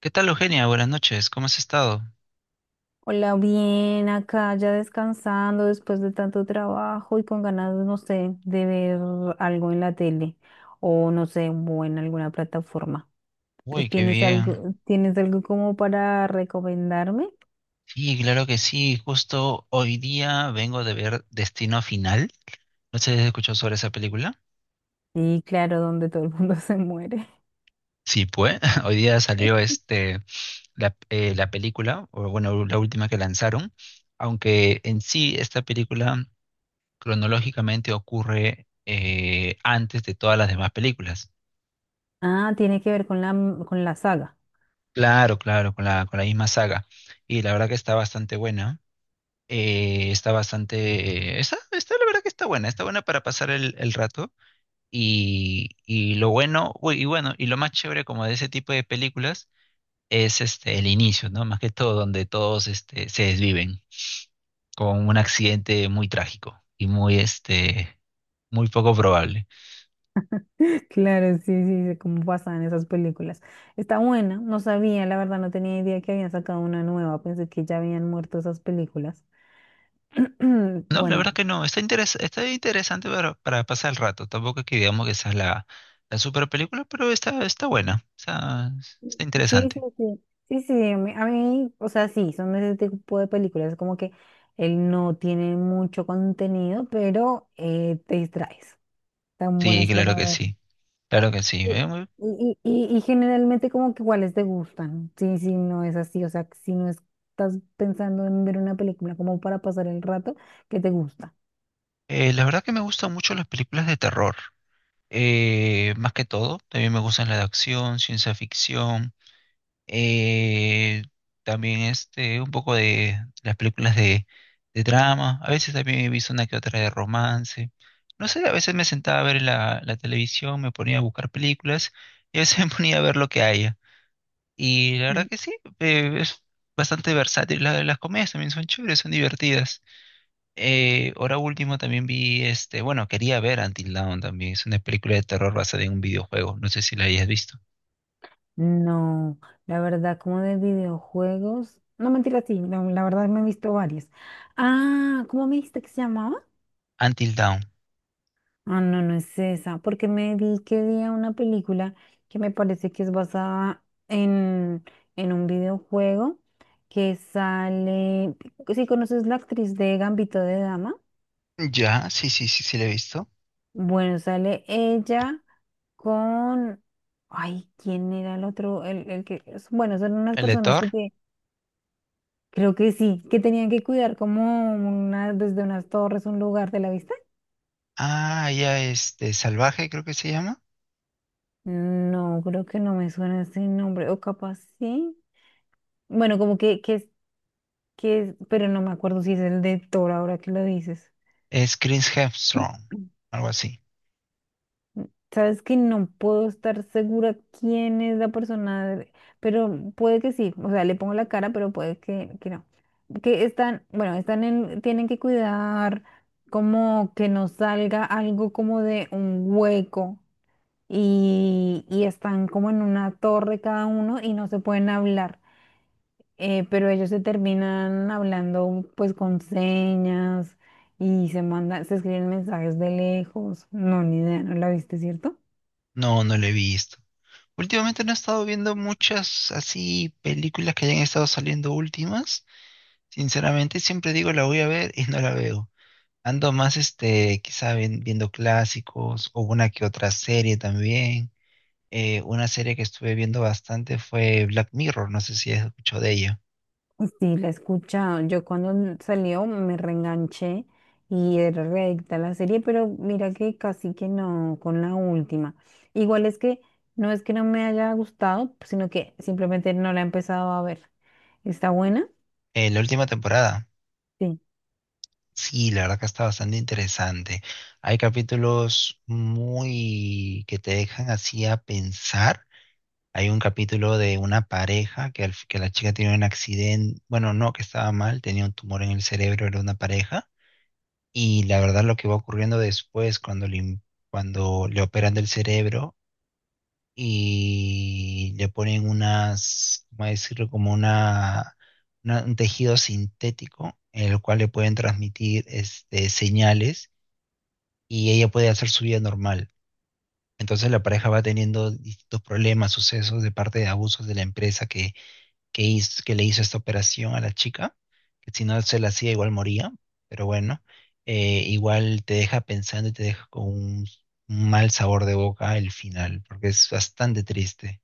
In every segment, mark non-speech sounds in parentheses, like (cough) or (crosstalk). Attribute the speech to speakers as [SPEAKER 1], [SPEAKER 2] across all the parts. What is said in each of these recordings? [SPEAKER 1] ¿Qué tal, Eugenia? Buenas noches, ¿cómo has estado?
[SPEAKER 2] Hola, bien, acá ya descansando después de tanto trabajo y con ganas, no sé, de ver algo en la tele o no sé, o en alguna plataforma. Eh,
[SPEAKER 1] Uy, qué
[SPEAKER 2] ¿Tienes
[SPEAKER 1] bien.
[SPEAKER 2] algo, tienes algo como para recomendarme?
[SPEAKER 1] Sí, claro que sí. Justo hoy día vengo de ver Destino Final. No sé si has escuchado sobre esa película.
[SPEAKER 2] Y claro, donde todo el mundo (laughs) se muere.
[SPEAKER 1] Sí, pues. (laughs) Hoy día salió la película, o bueno, la última que lanzaron. Aunque en sí esta película cronológicamente ocurre antes de todas las demás películas.
[SPEAKER 2] Ah, tiene que ver con con la saga.
[SPEAKER 1] Claro, claro, con la misma saga. Y la verdad que está bastante buena. Está bastante, la verdad que está buena para pasar el rato y lo bueno, uy, y bueno, y lo más chévere como de ese tipo de películas es el inicio, ¿no? Más que todo, donde todos se desviven con un accidente muy trágico y muy, muy poco probable.
[SPEAKER 2] (laughs) Claro, sí, sí, sí, como pasan esas películas. Está buena, no sabía, la verdad, no tenía idea que habían sacado una nueva, pensé que ya habían muerto esas películas. (clears throat)
[SPEAKER 1] No, la
[SPEAKER 2] Bueno.
[SPEAKER 1] verdad que no, está interesante para pasar el rato, tampoco es que digamos que esa es la super película, pero está, está buena, está, está
[SPEAKER 2] Sí, sí,
[SPEAKER 1] interesante.
[SPEAKER 2] sí. Sí, sí, a mí, o sea, sí, son ese tipo de películas como que él no tiene mucho contenido, pero te distraes. Tan
[SPEAKER 1] Sí,
[SPEAKER 2] buenas
[SPEAKER 1] claro
[SPEAKER 2] para
[SPEAKER 1] que
[SPEAKER 2] ver.
[SPEAKER 1] sí. Claro que sí.
[SPEAKER 2] Sí, y generalmente como que cuáles te gustan. Sí, sí, no es así, o sea, si no estás pensando en ver una película como para pasar el rato, ¿qué te gusta?
[SPEAKER 1] La verdad que me gustan mucho las películas de terror. Más que todo, también me gustan las de acción, ciencia ficción. eh, también un poco de las películas de drama. A veces también he visto una que otra de romance. No sé, a veces me sentaba a ver la televisión, me ponía a buscar películas y a veces (laughs) me ponía a ver lo que haya. Y la verdad
[SPEAKER 2] Mm.
[SPEAKER 1] que sí, es bastante versátil. La- las comedias también son chéveres, son divertidas. Ahora último también vi bueno, quería ver Until Dawn también. Es una película de terror basada en un videojuego. No sé si la hayas visto.
[SPEAKER 2] No, la verdad, como de videojuegos. No, mentira, sí, la verdad me he visto varias. Ah, ¿cómo me dijiste que se llamaba?
[SPEAKER 1] Until Dawn.
[SPEAKER 2] Ah, no, no es esa, porque me vi que vi una película que me parece que es basada en un videojuego que sale, si conoces la actriz de Gambito de Dama,
[SPEAKER 1] Ya, sí, sí, sí, sí la he visto.
[SPEAKER 2] bueno, sale ella con, ay, ¿quién era el otro? Bueno, son unas
[SPEAKER 1] El de
[SPEAKER 2] personas
[SPEAKER 1] Thor.
[SPEAKER 2] que te- creo que sí, que tenían que cuidar como una, desde unas torres un lugar de la vista.
[SPEAKER 1] Ah, ya Salvaje creo que se llama.
[SPEAKER 2] No, creo que no me suena ese nombre, o capaz sí. Bueno, como que es, pero no me acuerdo si es el de Thor ahora que lo dices.
[SPEAKER 1] Es Chris Hemsworth, algo así.
[SPEAKER 2] Sabes que no puedo estar segura quién es la persona, de- pero puede que sí. O sea, le pongo la cara, pero puede que no. Que están, bueno, están en, tienen que cuidar como que no salga algo como de un hueco y están como en una torre cada uno y no se pueden hablar. Eh, pero ellos se terminan hablando pues con señas y se mandan, se escriben mensajes de lejos. No, ni idea, ¿no la viste, cierto?
[SPEAKER 1] No, no la he visto. Últimamente no he estado viendo muchas así películas que hayan estado saliendo últimas. Sinceramente, siempre digo la voy a ver y no la veo. Ando más, quizá viendo clásicos o una que otra serie también. Una serie que estuve viendo bastante fue Black Mirror, no sé si has escuchado de ella.
[SPEAKER 2] Sí, la he escuchado. Yo cuando salió me reenganché y era readicta a la serie, pero mira que casi que no con la última. Igual es que no me haya gustado, sino que simplemente no la he empezado a ver. ¿Está buena?
[SPEAKER 1] La última temporada,
[SPEAKER 2] Sí.
[SPEAKER 1] sí, la verdad que está bastante interesante. Hay capítulos muy que te dejan así a pensar. Hay un capítulo de una pareja que la chica tiene un accidente, bueno, no, que estaba mal, tenía un tumor en el cerebro, era una pareja. Y la verdad lo que va ocurriendo después cuando cuando le operan del cerebro y le ponen unas, ¿cómo decirlo? Como un tejido sintético en el cual le pueden transmitir señales y ella puede hacer su vida normal. Entonces la pareja va teniendo distintos problemas, sucesos de parte de abusos de la empresa que le hizo esta operación a la chica, que si no se la hacía igual moría, pero bueno, igual te deja pensando y te deja con un mal sabor de boca el final, porque es bastante triste.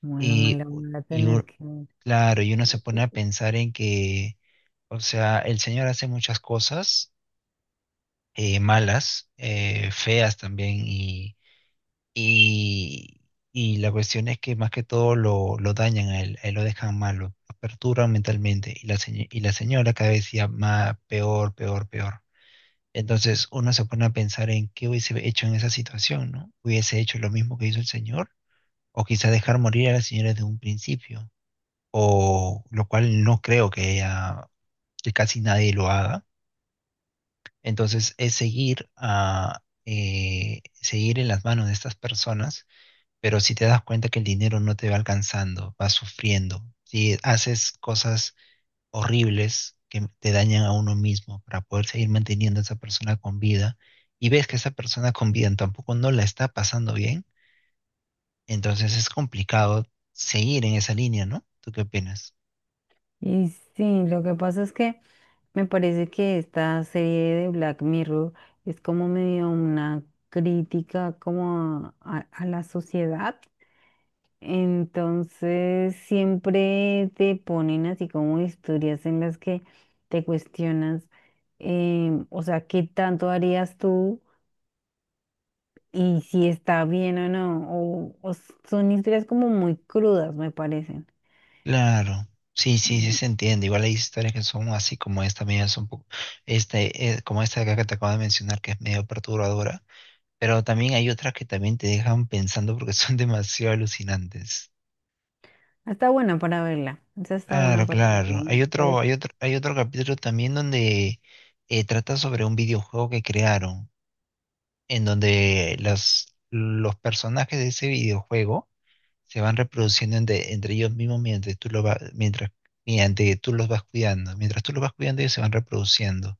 [SPEAKER 2] Bueno, me
[SPEAKER 1] Y,
[SPEAKER 2] la voy a
[SPEAKER 1] y u-
[SPEAKER 2] tener que ver.
[SPEAKER 1] claro, y uno se pone a pensar en que, o sea, el señor hace muchas cosas malas, feas también, y, y la cuestión es que más que todo lo dañan a él lo dejan malo, lo perturban mentalmente. Y y la señora cada vez decía más, peor, peor, peor. Entonces uno se pone a pensar en qué hubiese hecho en esa situación, ¿no? ¿Hubiese hecho lo mismo que hizo el señor? O quizá dejar morir a la señora desde un principio, o lo cual no creo que casi nadie lo haga. Entonces es seguir seguir en las manos de estas personas, pero si te das cuenta que el dinero no te va alcanzando, vas sufriendo, si haces cosas horribles que te dañan a uno mismo para poder seguir manteniendo a esa persona con vida y ves que esa persona con vida tampoco no la está pasando bien, entonces es complicado seguir en esa línea, ¿no? ¿Tú qué opinas?
[SPEAKER 2] Y sí, lo que pasa es que me parece que esta serie de Black Mirror es como medio una crítica como a la sociedad. Entonces siempre te ponen así como historias en las que te cuestionas, o sea, ¿qué tanto harías tú? Y si está bien o no. O s- son historias como muy crudas, me parecen.
[SPEAKER 1] Claro. Sí, sí, sí
[SPEAKER 2] Mm,
[SPEAKER 1] se entiende. Igual hay historias que son así como esta, media son un poco, como esta de acá que te acabo de mencionar, que es medio perturbadora. Pero también hay otras que también te dejan pensando porque son (laughs) demasiado alucinantes.
[SPEAKER 2] está buena para verla. Esa está buena
[SPEAKER 1] Claro,
[SPEAKER 2] para verla,
[SPEAKER 1] claro.
[SPEAKER 2] me parece.
[SPEAKER 1] Hay otro capítulo también donde trata sobre un videojuego que crearon, en donde los personajes de ese videojuego se van reproduciendo entre ellos mismos mientras, mediante tú los vas cuidando. Mientras tú los vas cuidando, ellos se van reproduciendo.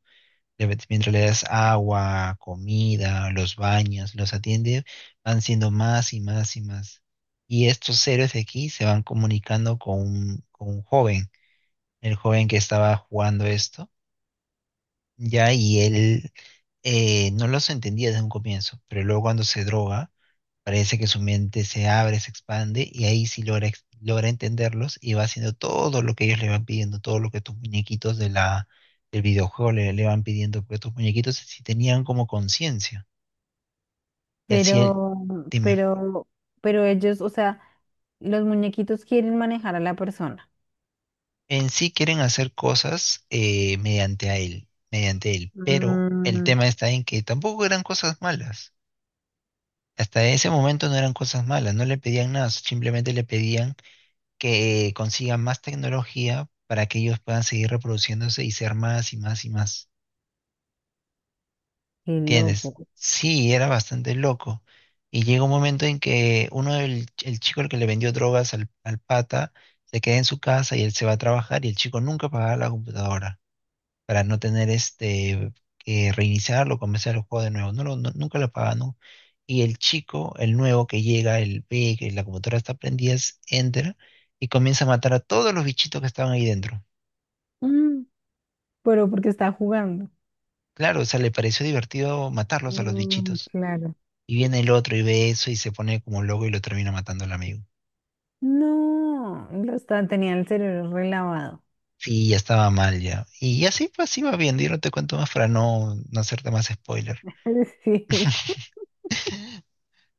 [SPEAKER 1] Mientras le das agua, comida, los baños, los atiende, van siendo más y más y más. Y estos héroes de aquí se van comunicando con con un joven, el joven que estaba jugando esto, ya, y él no los entendía desde un comienzo, pero luego cuando se droga, parece que su mente se abre, se expande y ahí sí logra entenderlos y va haciendo todo lo que ellos le van pidiendo, todo lo que tus muñequitos de del videojuego le van pidiendo, porque tus muñequitos sí tenían como conciencia. Y así él,
[SPEAKER 2] Pero,
[SPEAKER 1] dime,
[SPEAKER 2] pero, pero ellos, o sea, los muñequitos quieren manejar a la persona.
[SPEAKER 1] en sí quieren hacer cosas mediante él, pero el
[SPEAKER 2] Mm,
[SPEAKER 1] tema está en que tampoco eran cosas malas. Hasta ese momento no eran cosas malas, no le pedían nada, simplemente le pedían que consigan más tecnología para que ellos puedan seguir reproduciéndose y ser más y más y más.
[SPEAKER 2] qué loco.
[SPEAKER 1] ¿Entiendes? Sí, era bastante loco. Y llega un momento en que uno, el chico el que le vendió drogas al pata, se queda en su casa y él se va a trabajar y el chico nunca pagaba la computadora para no tener que reiniciarlo, comenzar el juego de nuevo. Nunca lo pagaba, ¿no? Y el chico, el nuevo que llega, el ve que la computadora está prendida, entra y comienza a matar a todos los bichitos que estaban ahí dentro.
[SPEAKER 2] Mm, pero porque está jugando.
[SPEAKER 1] Claro, o sea, le pareció divertido matarlos a los
[SPEAKER 2] Mm,
[SPEAKER 1] bichitos.
[SPEAKER 2] claro.
[SPEAKER 1] Y viene el otro y ve eso y se pone como loco y lo termina matando al amigo.
[SPEAKER 2] No, lo está, tenía el cerebro relavado.
[SPEAKER 1] Sí, ya estaba mal ya. Y así pues así va bien, yo no te cuento más para no hacerte más spoiler.
[SPEAKER 2] (laughs) Sí.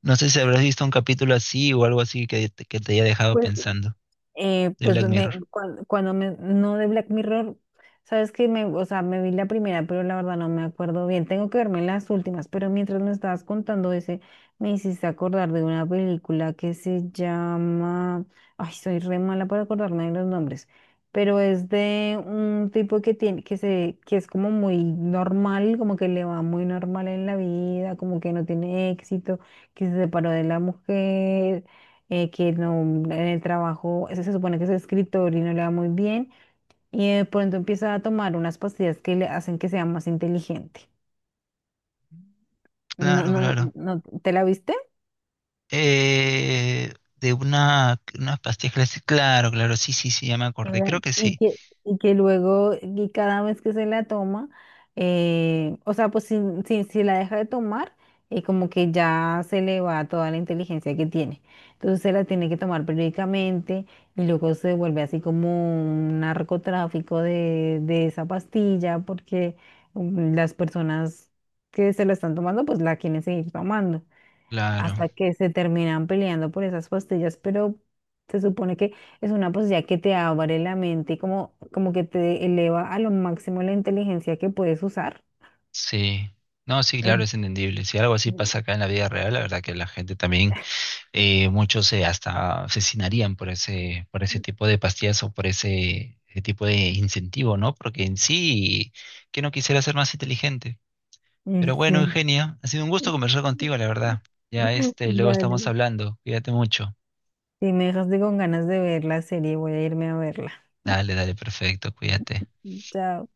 [SPEAKER 1] No sé si habrás visto un capítulo así o algo así que te haya dejado
[SPEAKER 2] Pues
[SPEAKER 1] pensando de
[SPEAKER 2] pues
[SPEAKER 1] Black
[SPEAKER 2] me,
[SPEAKER 1] Mirror.
[SPEAKER 2] cuando, me, no de Black Mirror, sabes que me, o sea, me vi la primera, pero la verdad no me acuerdo bien. Tengo que verme las últimas, pero mientras me estabas contando ese, me hiciste acordar de una película que se llama, ay, soy re mala para acordarme de los nombres, pero es de un tipo que tiene, que se, que es como muy normal, como que le va muy normal en la vida, como que no tiene éxito, que se separó de la mujer, que no, en el trabajo se, se supone que es escritor y no le va muy bien, y de pronto empieza a tomar unas pastillas que le hacen que sea más inteligente. No,
[SPEAKER 1] Claro,
[SPEAKER 2] no,
[SPEAKER 1] claro.
[SPEAKER 2] no, ¿te la viste?
[SPEAKER 1] De una, unas pastillas clásicas. Claro, claro, sí, sí, sí, ya me acordé. Creo que sí.
[SPEAKER 2] Y que luego, y cada vez que se la toma, o sea, pues si, si la deja de tomar, como que ya se le va toda la inteligencia que tiene. Entonces se la tiene que tomar periódicamente y luego se vuelve así como un narcotráfico de esa pastilla porque mm, las personas que se la están tomando, pues la quieren seguir tomando
[SPEAKER 1] Claro,
[SPEAKER 2] hasta que se terminan peleando por esas pastillas, pero se supone que es una posibilidad que te abre la mente y como, como que te eleva a lo máximo la inteligencia que puedes usar.
[SPEAKER 1] sí. No, sí, claro,
[SPEAKER 2] Em,
[SPEAKER 1] es entendible. Si algo así pasa acá en la vida real, la verdad que la gente también muchos se hasta asesinarían por ese tipo de pastillas o por ese, ese tipo de incentivo, ¿no? Porque en sí, que no quisiera ser más inteligente.
[SPEAKER 2] Mm,
[SPEAKER 1] Pero bueno,
[SPEAKER 2] sí.
[SPEAKER 1] Eugenia, ha sido un gusto conversar
[SPEAKER 2] (laughs)
[SPEAKER 1] contigo, la verdad. Ya luego estamos
[SPEAKER 2] Dale,
[SPEAKER 1] hablando. Cuídate mucho.
[SPEAKER 2] si me dejaste con ganas de ver la serie, voy a irme a verla.
[SPEAKER 1] Dale, dale, perfecto, cuídate.
[SPEAKER 2] Chao.